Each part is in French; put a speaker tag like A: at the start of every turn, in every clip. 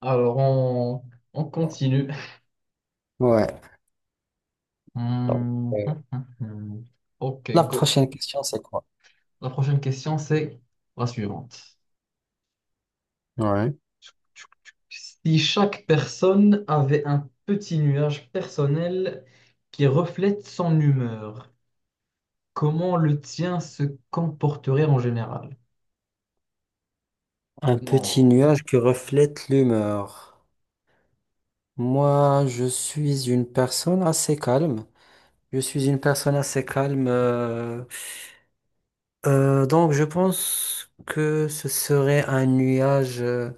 A: Alors, on continue.
B: Ouais. Donc,
A: Hmm,
B: euh,
A: hmm, hmm, hmm. Ok,
B: la
A: go.
B: prochaine question, c'est quoi?
A: La prochaine question, c'est la suivante.
B: Ouais.
A: Si chaque personne avait un petit nuage personnel qui reflète son humeur, comment le tien se comporterait en général?
B: Un petit
A: Non,
B: nuage qui reflète l'humeur. Moi, je suis une personne assez calme. Je suis une personne assez calme. Donc, je pense que ce serait un nuage.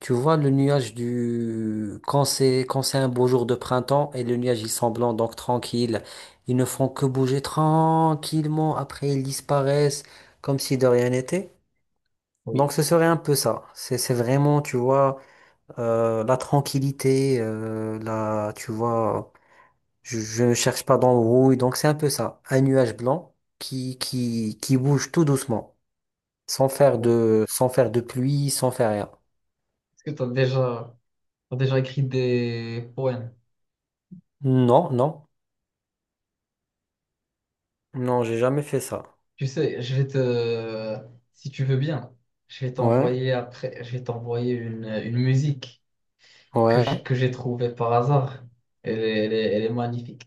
B: Tu vois, le nuage du... Quand c'est un beau jour de printemps et le nuage, il semble blanc, donc tranquille. Ils ne font que bouger tranquillement. Après, ils disparaissent comme si de rien n'était.
A: oui.
B: Donc ce serait un peu ça. C'est vraiment, tu vois, la tranquillité, la, tu vois, je ne cherche pas d'embrouille. Donc c'est un peu ça. Un nuage blanc qui bouge tout doucement,
A: Est-ce
B: sans faire de pluie, sans faire rien.
A: que tu as déjà, T'as déjà écrit des poèmes?
B: Non, non, non, j'ai jamais fait ça.
A: Tu sais, si tu veux bien, je vais
B: Ouais,
A: t'envoyer après, je vais t'envoyer une musique que j'ai
B: ouais.
A: que j'ai trouvé par hasard. Elle est magnifique.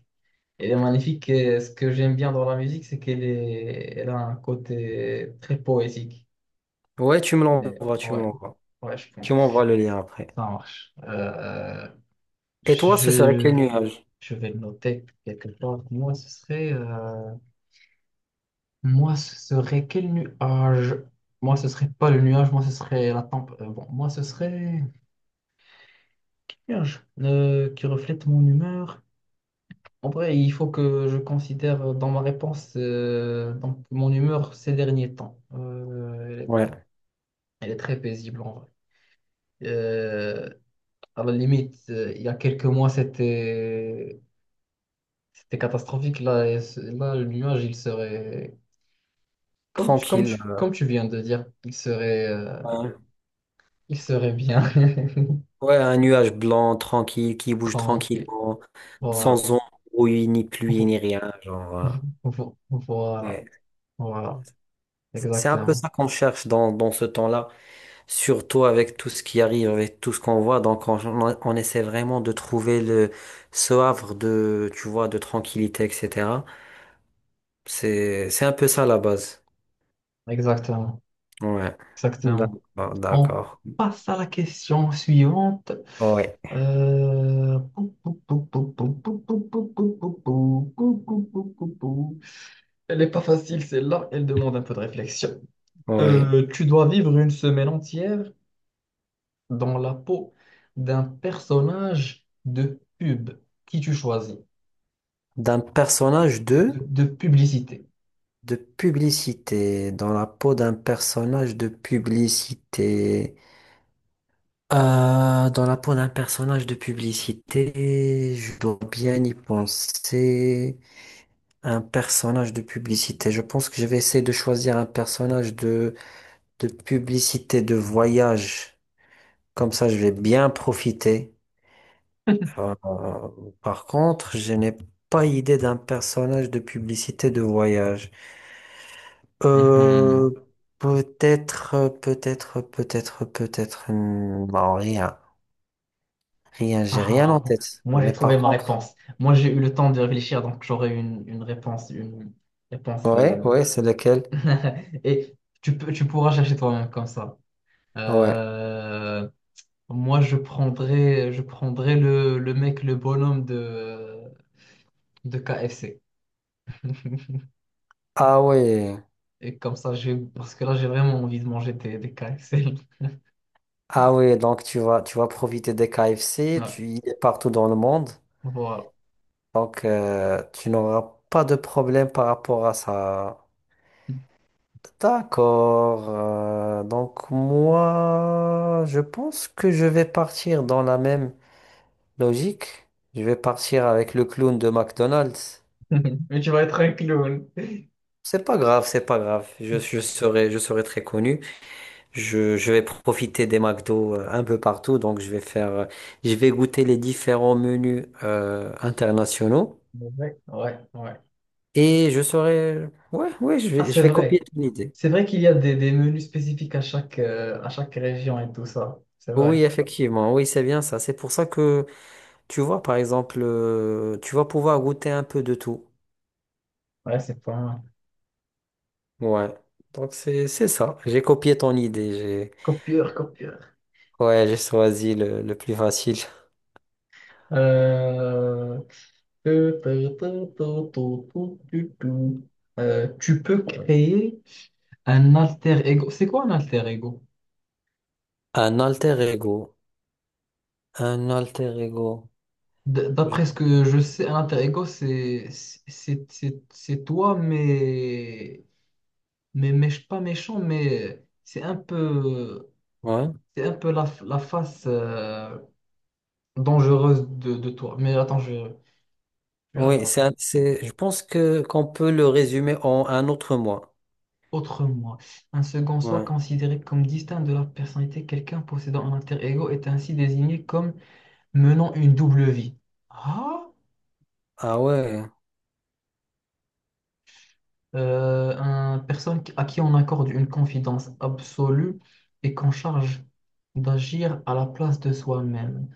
A: Elle est magnifique et ce que j'aime bien dans la musique, c'est elle a un côté très poétique.
B: Ouais, tu me
A: Elle
B: l'envoies, tu
A: ouais,
B: me l'envoies.
A: ouais, je
B: Tu
A: pense.
B: m'envoies le lien après.
A: Ça marche.
B: Et toi, ce serait
A: Je,
B: quel nuage?
A: je vais le noter quelque part. Moi, ce serait quel nuage? Moi, ce serait pas le nuage, moi, ce serait la tempête. Bon, moi, ce serait nuage qui reflète mon humeur. En vrai, il faut que je considère dans ma réponse donc mon humeur ces derniers temps.
B: Ouais,
A: Elle est très paisible en vrai. Euh, il y a quelques mois, c'était catastrophique. Là, là, le nuage, il serait
B: tranquille.
A: comme tu viens de dire,
B: Ouais.
A: il serait bien
B: Ouais, un nuage blanc, tranquille, qui bouge
A: tranquille.
B: tranquillement,
A: Voilà,
B: sans embrouille, ni pluie,
A: Vo-
B: ni rien. Genre,
A: voilà,
B: ouais.
A: voilà,
B: C'est un peu
A: exactement,
B: ça qu'on cherche dans ce temps-là, surtout avec tout ce qui arrive, avec tout ce qu'on voit. Donc, essaie vraiment de trouver ce havre de, tu vois, de tranquillité, etc. C'est un peu ça la base.
A: exactement,
B: Ouais.
A: exactement.
B: D'accord,
A: On
B: d'accord.
A: passe à la question suivante.
B: Ouais.
A: Pou, pou, pou, pou, pou, pou, pou, pou, pou, pou, pou, pou, pou, pou, pou, pou. Elle n'est pas facile, celle-là. Elle demande un peu de réflexion.
B: Ouais.
A: Tu dois vivre une semaine entière dans la peau d'un personnage de pub. Qui tu choisis?
B: D'un personnage de...
A: De publicité.
B: De publicité, dans la peau d'un personnage de publicité. Dans la peau d'un personnage de publicité, je dois bien y penser. Un personnage de publicité. Je pense que je vais essayer de choisir un personnage de publicité de voyage. Comme ça, je vais bien profiter. Euh, Par contre, je n'ai pas idée d'un personnage de publicité de voyage.
A: Mhm.
B: Euh, Peut-être. Non, rien. Rien, j'ai rien
A: Ah,
B: en
A: bon.
B: tête.
A: Moi, j'ai
B: Mais
A: trouvé
B: par
A: ma
B: contre,
A: réponse. Moi, j'ai eu le temps de réfléchir, donc j'aurai une réponse
B: ouais, ouais, c'est lequel?
A: et tu pourras chercher toi-même comme ça.
B: Ouais.
A: Euh, je prendrais le mec, le bonhomme de KFC.
B: Ah ouais.
A: Et comme ça, parce que là, j'ai vraiment envie de manger des KFC.
B: Ah ouais, donc tu vas profiter des KFC,
A: Ouais,
B: tu y es partout dans le monde.
A: voilà.
B: Donc, tu n'auras pas de problème par rapport à ça. D'accord. Donc moi, je pense que je vais partir dans la même. Logique, je vais partir avec le clown de McDonald's.
A: Mais tu vas être un clown.
B: C'est pas grave, c'est pas grave. Je serai très connu. Je vais profiter des McDo un peu partout. Donc, je vais je vais goûter les différents menus internationaux.
A: Ouais, ouais, ouais.
B: Et je serai, ouais, ouais,
A: Ah,
B: je
A: c'est
B: vais copier
A: vrai.
B: ton idée.
A: C'est vrai qu'il y a des menus spécifiques à chaque région et tout ça. C'est vrai.
B: Oui, effectivement, oui, c'est bien ça. C'est pour ça que, tu vois, par exemple, tu vas pouvoir goûter un peu de tout.
A: Ouais, c'est pas mal.
B: Ouais. Donc, c'est ça. J'ai copié ton idée. J'ai.
A: Copieur, copieur.
B: Ouais, j'ai choisi le plus facile.
A: Euh, euh, Tu peux créer un alter ego. C'est quoi un alter ego?
B: Un alter ego. Un alter ego. Je-
A: D'après ce que je sais, un alter ego, c'est toi, mais pas méchant,
B: Ouais.
A: c'est un peu la face dangereuse de toi. Mais attends, je vais
B: Oui,
A: regarder.
B: je pense que qu'on peut le résumer en un autre moi.
A: Autre moi. Un second soi
B: Ouais.
A: considéré comme distinct de la personnalité, quelqu'un possédant un alter ego est ainsi désigné comme menant une double vie. Ah,
B: Ah ouais.
A: Un personne à qui on accorde une confidence absolue et qu'on charge d'agir à la place de soi-même.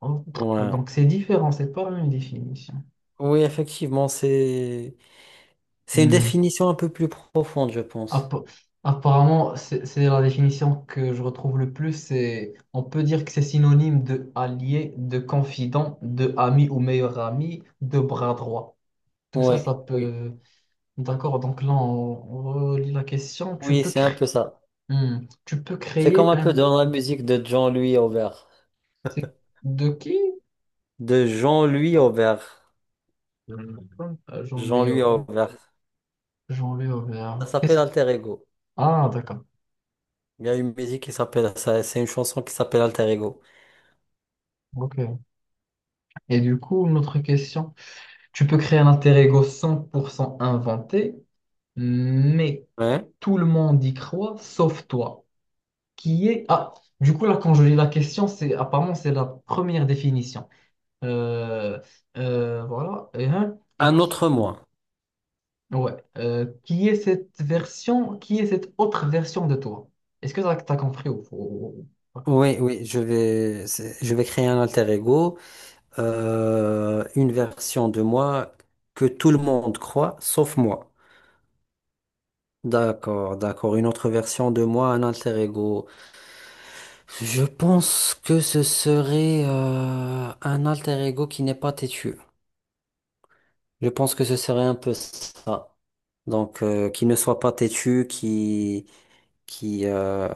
A: Oh,
B: Ouais.
A: donc c'est différent, c'est pas la même définition.
B: Oui, effectivement, c'est une
A: Hmm.
B: définition un peu plus profonde, je pense.
A: App- Apparemment, c'est la définition que je retrouve le plus. C'est, on peut dire que c'est synonyme de allié, de confident, de ami ou meilleur ami, de bras droit. Tout ça, ça
B: Ouais. Oui.
A: peut. D'accord, donc là, on relit la question.
B: Oui, c'est un peu ça.
A: Tu peux
B: C'est comme
A: créer
B: un peu
A: un.
B: dans la musique de Jean-Louis Aubert.
A: C'est de qui?
B: De Jean-Louis Aubert.
A: Euh, Jean-Louis
B: Jean-Louis
A: Aubert.
B: Aubert.
A: Jean-Louis Aubert.
B: Ça s'appelle alter ego.
A: Ah, d'accord.
B: Il y a une musique qui s'appelle ça, c'est une chanson qui s'appelle Alter Ego.
A: Ok. Et du coup, notre question. Tu peux créer un alter ego 100% inventé mais
B: Ouais.
A: tout le monde y croit, sauf toi, qui est... Ah, du coup, là, quand je lis la question, c'est apparemment, c'est la première définition. Euh, voilà. Et, hein, et
B: Un
A: qui...
B: autre moi.
A: Ouais. Qui est cette autre version de toi? T'as compris ou- ou-
B: Oui, oui, je vais créer un alter ego, une version de moi que tout le monde croit, sauf moi. D'accord, d'accord. Une autre version de moi, un alter ego. Je pense que ce serait un alter ego qui n'est pas têtu. Je pense que ce serait un peu ça. Donc, qui ne soit pas têtu, qui, euh,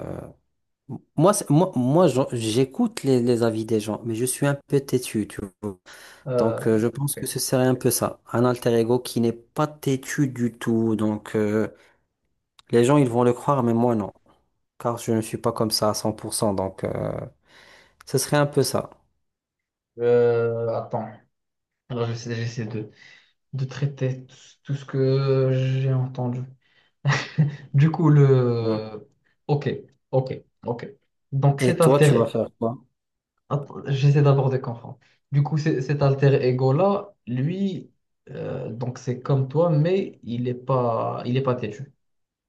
B: moi, j'écoute les avis des gens, mais je suis un peu têtu, tu vois.
A: Euh,
B: Donc, je pense que
A: ok.
B: ce serait un peu ça. Un alter ego qui n'est pas têtu du tout. Donc, les gens, ils vont le croire, mais moi, non. Car je ne suis pas comme ça à 100%. Donc, ce serait un peu ça.
A: Attends. Alors, j'essaie de traiter tout ce que j'ai entendu. Du coup,
B: Ouais.
A: le... Ok, ok, ok. Donc, cet
B: Et toi, tu vas
A: altéré.
B: faire quoi?
A: Attends, j'essaie d'abord de comprendre. Du coup, cet alter ego-là, lui, donc c'est comme toi, mais il est pas têtu.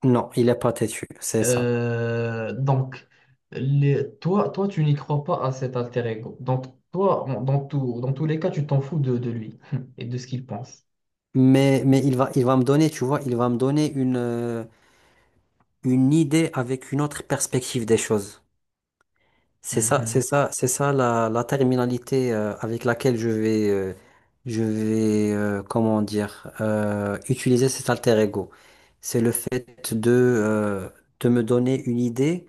B: Non, il est pas têtu, c'est ça.
A: Euh, donc, toi, tu n'y crois pas à cet alter ego. Donc, toi, dans tout, dans tous les cas, tu t'en fous de lui et de ce qu'il pense.
B: Mais il va me donner, tu vois, il va me donner une idée avec une autre perspective des choses.
A: Mhm.
B: C'est ça la, la terminalité avec laquelle je vais comment dire, utiliser cet alter ego. C'est le fait de me donner une idée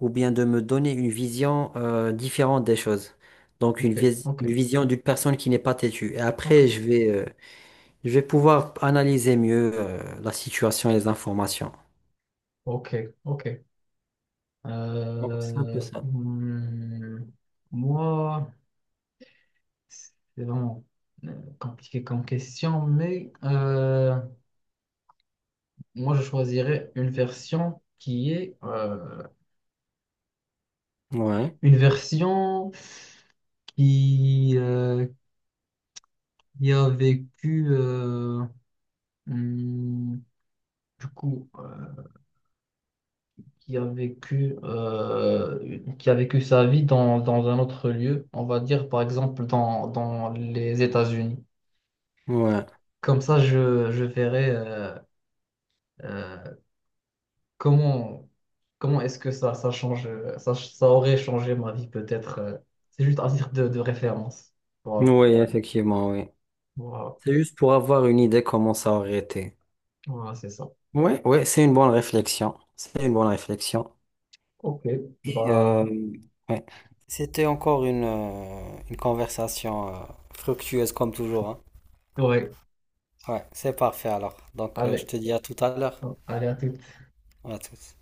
B: ou bien de me donner une vision différente des choses. Donc
A: Ok, ok,
B: une vision d'une personne qui n'est pas têtue. Et
A: ok,
B: après, je vais pouvoir analyser mieux la situation et les informations.
A: ok, ok.
B: Donc c'est un peu
A: Euh,
B: ça.
A: hmm, Moi, c'est vraiment euh, compliqué comme question, moi, je choisirais
B: Ouais,
A: une version qui, euh, qui a vécu, hmm, du coup, qui a vécu sa vie dans un autre lieu, on va dire par exemple dans les États-Unis.
B: ouais.
A: Comme ça, je verrai euh, comment, comment est-ce que ça change, ça aurait changé ma vie peut-être. C'est juste à titre de référence. Voilà,
B: Oui, effectivement, oui.
A: voilà,
B: C'est juste pour avoir une idée comment ça aurait été.
A: Voilà, c'est ça.
B: Ouais, ouais, c'est une bonne réflexion. C'est une bonne réflexion.
A: Ok,
B: Et,
A: bah
B: ouais. C'était encore une conversation fructueuse comme toujours, hein.
A: ouais,
B: Ouais, c'est parfait alors. Donc, je
A: allez,
B: te dis à tout à l'heure.
A: hein, allez à tout.
B: À tous.